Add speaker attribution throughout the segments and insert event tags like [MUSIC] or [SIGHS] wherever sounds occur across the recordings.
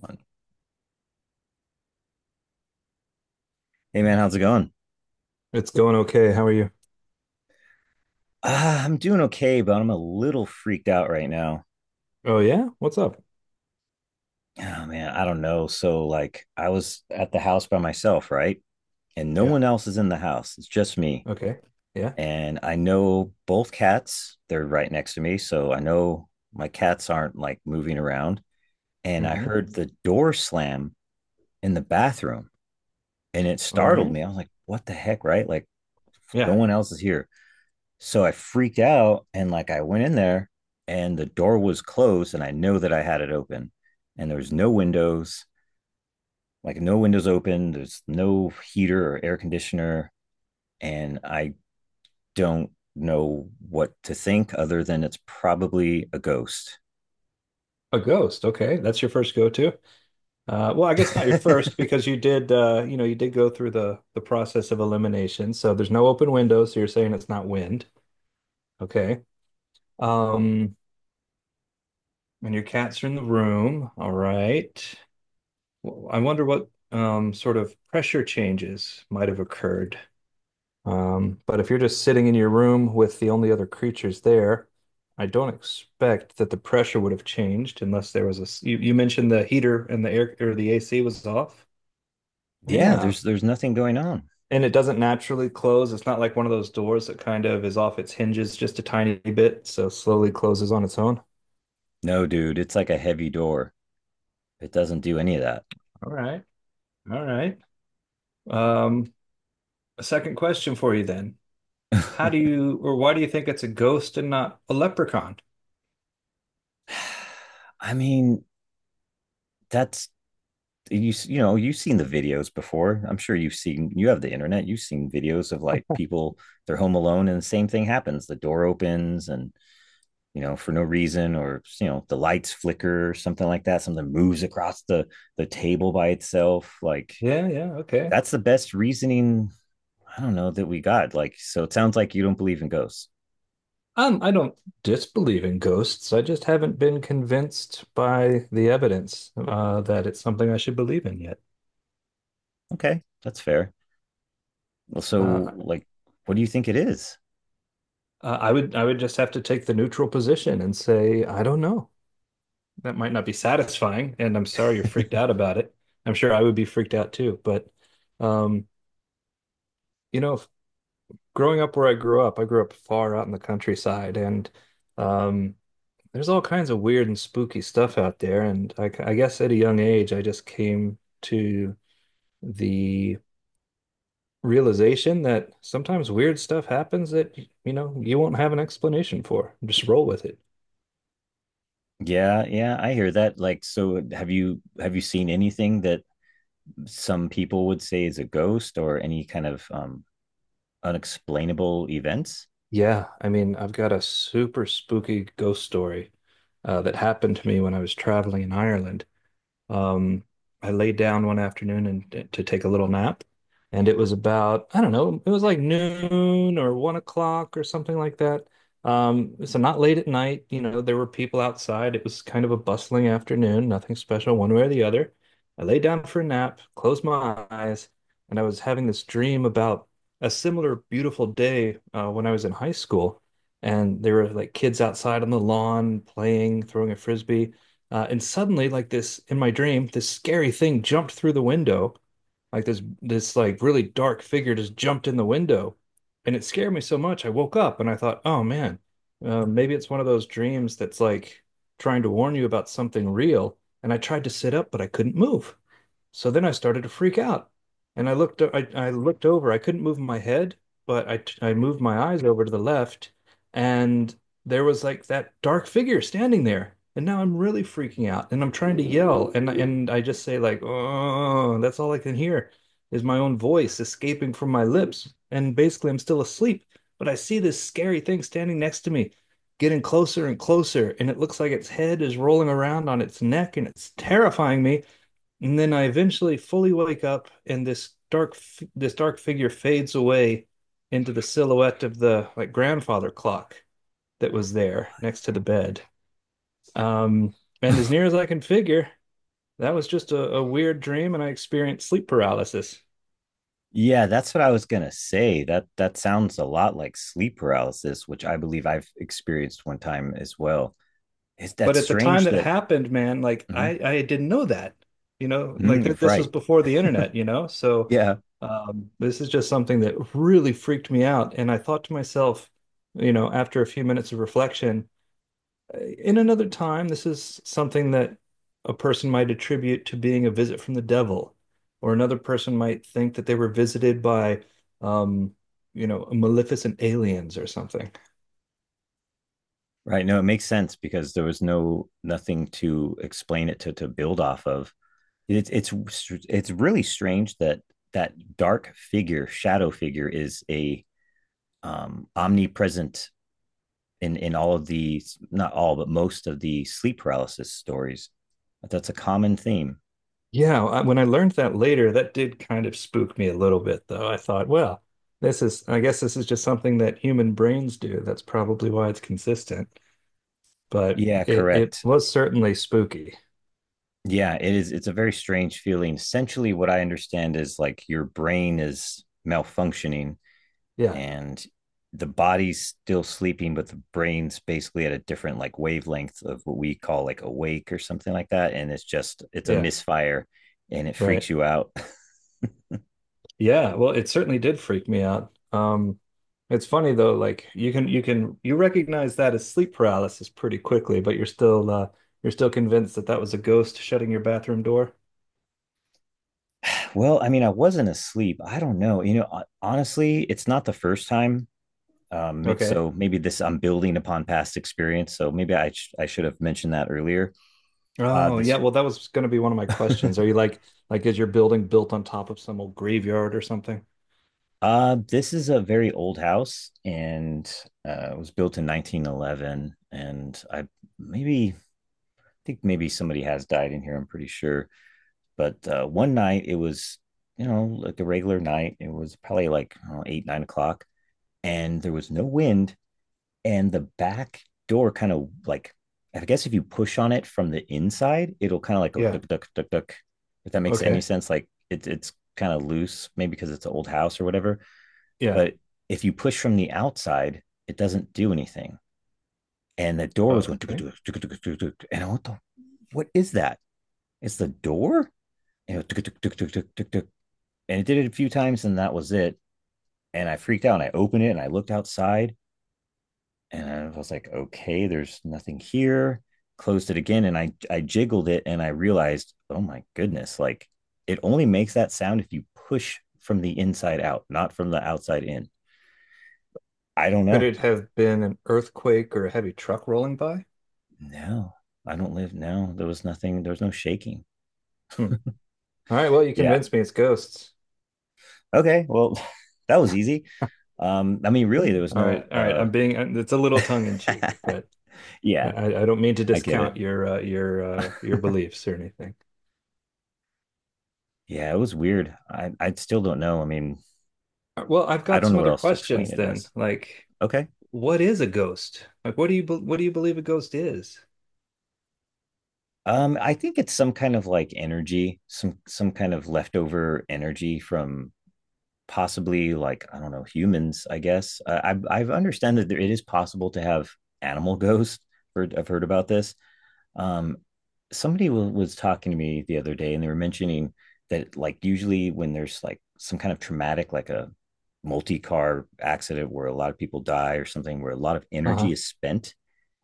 Speaker 1: One. Hey man, how's it going?
Speaker 2: It's going okay. How are you?
Speaker 1: I'm doing okay, but I'm a little freaked out right now.
Speaker 2: Oh yeah? What's up?
Speaker 1: Oh man, I don't know. So like I was at the house by myself, right? And no
Speaker 2: Yeah.
Speaker 1: one else is in the house. It's just me.
Speaker 2: Okay. Yeah.
Speaker 1: And I know both cats, they're right next to me, so I know my cats aren't like moving around. And I
Speaker 2: Hmm.
Speaker 1: heard the door slam in the bathroom and it
Speaker 2: All
Speaker 1: startled
Speaker 2: right.
Speaker 1: me. I was like, what the heck, right? Like no
Speaker 2: Yeah.
Speaker 1: one else is here. So I freaked out and like I went in there and the door was closed and I know that I had it open and there was no windows, like no windows open, there's no heater or air conditioner and I don't know what to think other than it's probably a ghost.
Speaker 2: A ghost. Okay. That's your first go-to. Well, I guess not your first
Speaker 1: [LAUGHS]
Speaker 2: because you did you did go through the process of elimination. So there's no open window, so you're saying it's not wind. Okay. Um, and your cats are in the room. All right. Well, I wonder what sort of pressure changes might have occurred. But if you're just sitting in your room with the only other creatures there, I don't expect that the pressure would have changed unless there was a. you mentioned the heater and the air or the AC was off.
Speaker 1: Yeah,
Speaker 2: Yeah.
Speaker 1: there's nothing going on.
Speaker 2: And it doesn't naturally close. It's not like one of those doors that kind of is off its hinges just a tiny bit, so slowly closes on its own.
Speaker 1: No, dude, it's like a heavy door. It doesn't do any of that.
Speaker 2: All right. All right. Um, a second question for you then. How do
Speaker 1: [SIGHS]
Speaker 2: you, or why do you think it's a ghost and not a leprechaun?
Speaker 1: [LAUGHS] I mean, that's you know you've seen the videos before. I'm sure you've seen, you have the internet, you've seen videos of like people, they're home alone and the same thing happens. The door opens and you know for no reason, or you know the lights flicker or something like that, something moves across the table by itself. Like
Speaker 2: Yeah, yeah, okay.
Speaker 1: that's the best reasoning. I don't know that we got, like, so it sounds like you don't believe in ghosts.
Speaker 2: I don't disbelieve in ghosts. I just haven't been convinced by the evidence that it's something I should believe in yet.
Speaker 1: Okay, that's fair. Well, so
Speaker 2: Uh,
Speaker 1: like, what do you think it is?
Speaker 2: I would just have to take the neutral position and say, I don't know. That might not be satisfying, and I'm sorry you're freaked
Speaker 1: [LAUGHS]
Speaker 2: out about it. I'm sure I would be freaked out too. But um, you know, growing up where I grew up far out in the countryside, and um, there's all kinds of weird and spooky stuff out there. And I guess at a young age, I just came to the realization that sometimes weird stuff happens, that, you won't have an explanation for. Just roll with it.
Speaker 1: Yeah, yeah, I hear that. Like, so have you, have you seen anything that some people would say is a ghost, or any kind of unexplainable events.
Speaker 2: Yeah, I mean, I've got a super spooky ghost story that happened to me when I was traveling in Ireland. Um, I laid down one afternoon and to take a little nap, and it was about, I don't know, it was like noon or 1 o'clock or something like that. So not late at night, there were people outside. It was kind of a bustling afternoon, nothing special one way or the other. I lay down for a nap, closed my eyes, and I was having this dream about a similar beautiful day when I was in high school. And there were like kids outside on the lawn playing, throwing a frisbee. And suddenly, like this in my dream, this scary thing jumped through the window. Like this like really dark figure just jumped in the window, and it scared me so much. I woke up and I thought, oh man, maybe it's one of those dreams that's like trying to warn you about something real. And I tried to sit up, but I couldn't move. So then I started to freak out. And I looked over. I couldn't move my head, but I moved my eyes over to the left and there was like that dark figure standing there. And now I'm really freaking out and I'm trying to yell and I just say like, "Oh, that's all I can hear is my own voice escaping from my lips." And basically I'm still asleep, but I see this scary thing standing next to me. Getting closer and closer, and it looks like its head is rolling around on its neck, and it's terrifying me. And then I eventually fully wake up, and this dark figure fades away into the silhouette of the like grandfather clock that was there next to the bed. Um, and as near as I can figure, that was just a weird dream, and I experienced sleep paralysis.
Speaker 1: Yeah, that's what I was gonna say. That that sounds a lot like sleep paralysis, which I believe I've experienced one time as well. Is that
Speaker 2: But at the time
Speaker 1: strange
Speaker 2: that
Speaker 1: that
Speaker 2: happened, man, like
Speaker 1: mhm,
Speaker 2: I didn't know that, like
Speaker 1: mhm, you're
Speaker 2: that this was
Speaker 1: right.
Speaker 2: before the internet,
Speaker 1: [LAUGHS]
Speaker 2: so.
Speaker 1: Yeah,
Speaker 2: This is just something that really freaked me out. And I thought to myself, after a few minutes of reflection, in another time, this is something that a person might attribute to being a visit from the devil, or another person might think that they were visited by, um, maleficent aliens or something.
Speaker 1: right. No, it makes sense because there was no nothing to explain it, to build off of. It's it's really strange that that dark figure, shadow figure, is a omnipresent in all of the, not all but most of the sleep paralysis stories. That's a common theme.
Speaker 2: Yeah, when I learned that later, that did kind of spook me a little bit, though. I thought, well, this is, I guess this is just something that human brains do. That's probably why it's consistent, but
Speaker 1: Yeah,
Speaker 2: it
Speaker 1: correct.
Speaker 2: was certainly spooky.
Speaker 1: Yeah, it is. It's a very strange feeling. Essentially what I understand is like your brain is malfunctioning
Speaker 2: Yeah,
Speaker 1: and the body's still sleeping, but the brain's basically at a different like wavelength of what we call like awake or something like that. And it's just, it's a
Speaker 2: yeah,
Speaker 1: misfire, and it
Speaker 2: right.
Speaker 1: freaks you out. [LAUGHS]
Speaker 2: Yeah, well, it certainly did freak me out. It's funny though, like you can you recognize that as sleep paralysis pretty quickly, but you're still convinced that that was a ghost shutting your bathroom door.
Speaker 1: Well, I mean, I wasn't asleep. I don't know. You know, honestly, it's not the first time. um,
Speaker 2: Okay.
Speaker 1: so maybe this, I'm building upon past experience. So maybe I should have mentioned that earlier. Uh,
Speaker 2: Oh yeah,
Speaker 1: this
Speaker 2: well that was going to be one of my
Speaker 1: [LAUGHS]
Speaker 2: questions. Are you like is your building built on top of some old graveyard or something?
Speaker 1: this is a very old house, and it was built in 1911. And I, maybe, I think maybe somebody has died in here. I'm pretty sure. But one night it was, you know, like a regular night. It was probably like, I don't know, 8 9 o'clock, and there was no wind, and the back door kind of like, I guess if you push on it from the inside, it'll kind of like go
Speaker 2: Yeah.
Speaker 1: duck duck duck duck. If that makes any
Speaker 2: Okay.
Speaker 1: sense, like it's kind of loose, maybe because it's an old house or whatever.
Speaker 2: Yeah.
Speaker 1: But if you push from the outside, it doesn't do anything. And the door was going duck
Speaker 2: Okay.
Speaker 1: duck duck duck duck duck. And I went, what the, what is that? It's the door. And it, duck, duck, duck, duck, duck, duck, duck. And it did it a few times, and that was it. And I freaked out. And I opened it and I looked outside, and I was like, okay, there's nothing here. Closed it again, and I jiggled it, and I realized, oh my goodness, like it only makes that sound if you push from the inside out, not from the outside in. I don't
Speaker 2: Could
Speaker 1: know.
Speaker 2: it have been an earthquake or a heavy truck rolling by?
Speaker 1: No, I don't live. No, there was nothing. There was no shaking.
Speaker 2: Hmm. All right. Well, you
Speaker 1: Yeah.
Speaker 2: convinced me it's ghosts.
Speaker 1: Okay. Well, [LAUGHS] that was easy. I mean, really, there was
Speaker 2: All
Speaker 1: no.
Speaker 2: right, all right. I'm being, it's a
Speaker 1: [LAUGHS]
Speaker 2: little tongue in cheek, but
Speaker 1: Yeah,
Speaker 2: I don't mean to
Speaker 1: I get it.
Speaker 2: discount your
Speaker 1: [LAUGHS]
Speaker 2: beliefs or anything.
Speaker 1: Yeah, it was weird. I still don't know. I mean,
Speaker 2: Well, I've
Speaker 1: I
Speaker 2: got
Speaker 1: don't know
Speaker 2: some
Speaker 1: what
Speaker 2: other
Speaker 1: else to explain
Speaker 2: questions
Speaker 1: it
Speaker 2: then.
Speaker 1: as.
Speaker 2: Like,
Speaker 1: Okay.
Speaker 2: what is a ghost? Like, what do you believe a ghost is?
Speaker 1: I think it's some kind of like energy, some kind of leftover energy from, possibly, like I don't know, humans. I guess I understand that there, it is possible to have animal [LAUGHS] ghosts. Heard, I've heard about this. Um, somebody was talking to me the other day, and they were mentioning that like usually when there's like some kind of traumatic, like a multi-car accident where a lot of people die or something, where a lot of
Speaker 2: Uh-huh.
Speaker 1: energy is spent,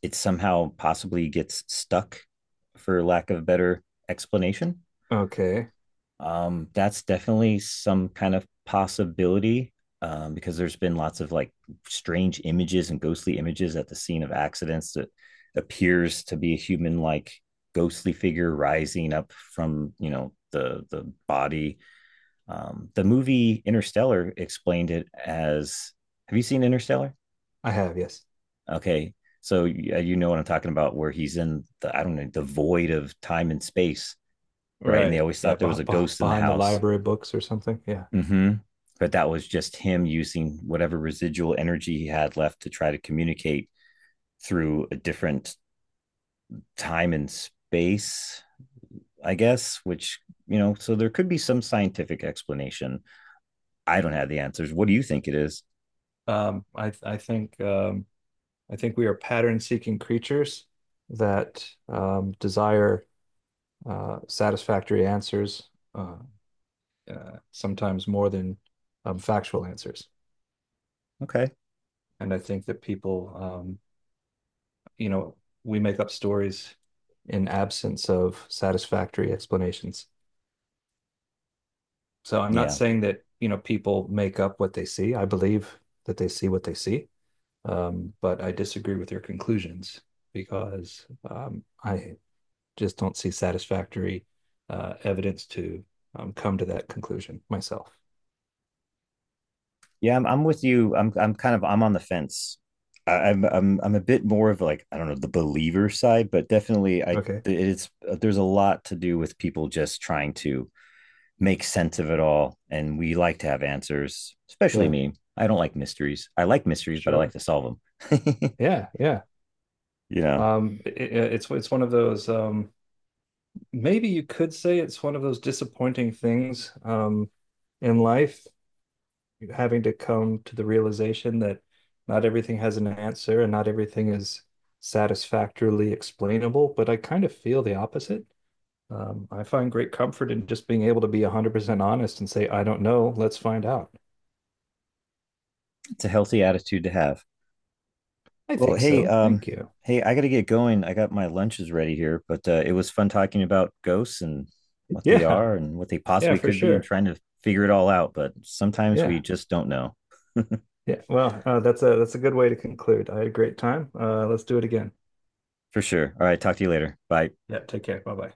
Speaker 1: it somehow possibly gets stuck, for lack of a better explanation.
Speaker 2: Okay,
Speaker 1: That's definitely some kind of possibility, because there's been lots of like strange images and ghostly images at the scene of accidents that appears to be a human like ghostly figure rising up from, you know, the body. The movie Interstellar explained it as, have you seen Interstellar?
Speaker 2: I have, yes.
Speaker 1: Okay. So yeah, you know what I'm talking about, where he's in the, I don't know, the void of time and space, right? And they
Speaker 2: Right.
Speaker 1: always
Speaker 2: Yeah,
Speaker 1: thought there was a ghost in the
Speaker 2: behind the
Speaker 1: house.
Speaker 2: library books or something. Yeah.
Speaker 1: Mm-hmm. But that was just him using whatever residual energy he had left to try to communicate through a different time and space, I guess, which, you know, so there could be some scientific explanation. I don't have the answers. What do you think it is?
Speaker 2: Um, I I think um, I think we are pattern-seeking creatures that desire satisfactory answers, uh, sometimes more than factual answers.
Speaker 1: Okay.
Speaker 2: And I think that peopleyou know, we make up stories in absence of satisfactory explanations. So I'm not
Speaker 1: Yeah.
Speaker 2: saying that people make up what they see. I believe that they see what they see, but I disagree with their conclusions because I just don't see satisfactory evidence to come to that conclusion myself.
Speaker 1: Yeah, I'm with you. I'm kind of, I'm on the fence. I, I'm a bit more of like, I don't know, the believer side, but definitely, I,
Speaker 2: Okay.
Speaker 1: it's, there's a lot to do with people just trying to make sense of it all, and we like to have answers, especially
Speaker 2: Yeah,
Speaker 1: me. I don't like mysteries. I like mysteries, but I like
Speaker 2: sure.
Speaker 1: to solve them. [LAUGHS]
Speaker 2: Yeah, yeah.
Speaker 1: You know,
Speaker 2: Um, it, it's one of those maybe you could say it's one of those disappointing things in life, having to come to the realization that not everything has an answer and not everything is satisfactorily explainable. But I kind of feel the opposite. I find great comfort in just being able to be 100% honest and say, I don't know. Let's find out.
Speaker 1: it's a healthy attitude to have.
Speaker 2: I
Speaker 1: Well,
Speaker 2: think
Speaker 1: hey,
Speaker 2: so. Thank you. [LAUGHS]
Speaker 1: hey, I gotta get going. I got my lunches ready here, but it was fun talking about ghosts and what they
Speaker 2: Yeah.
Speaker 1: are and what they
Speaker 2: Yeah,
Speaker 1: possibly
Speaker 2: for
Speaker 1: could be and
Speaker 2: sure.
Speaker 1: trying to figure it all out. But sometimes we
Speaker 2: Yeah.
Speaker 1: just don't know
Speaker 2: Yeah. Well, that's a good way to conclude. I had a great time. Let's do it again.
Speaker 1: for sure. All right, talk to you later. Bye.
Speaker 2: Yeah. Take care. Bye bye.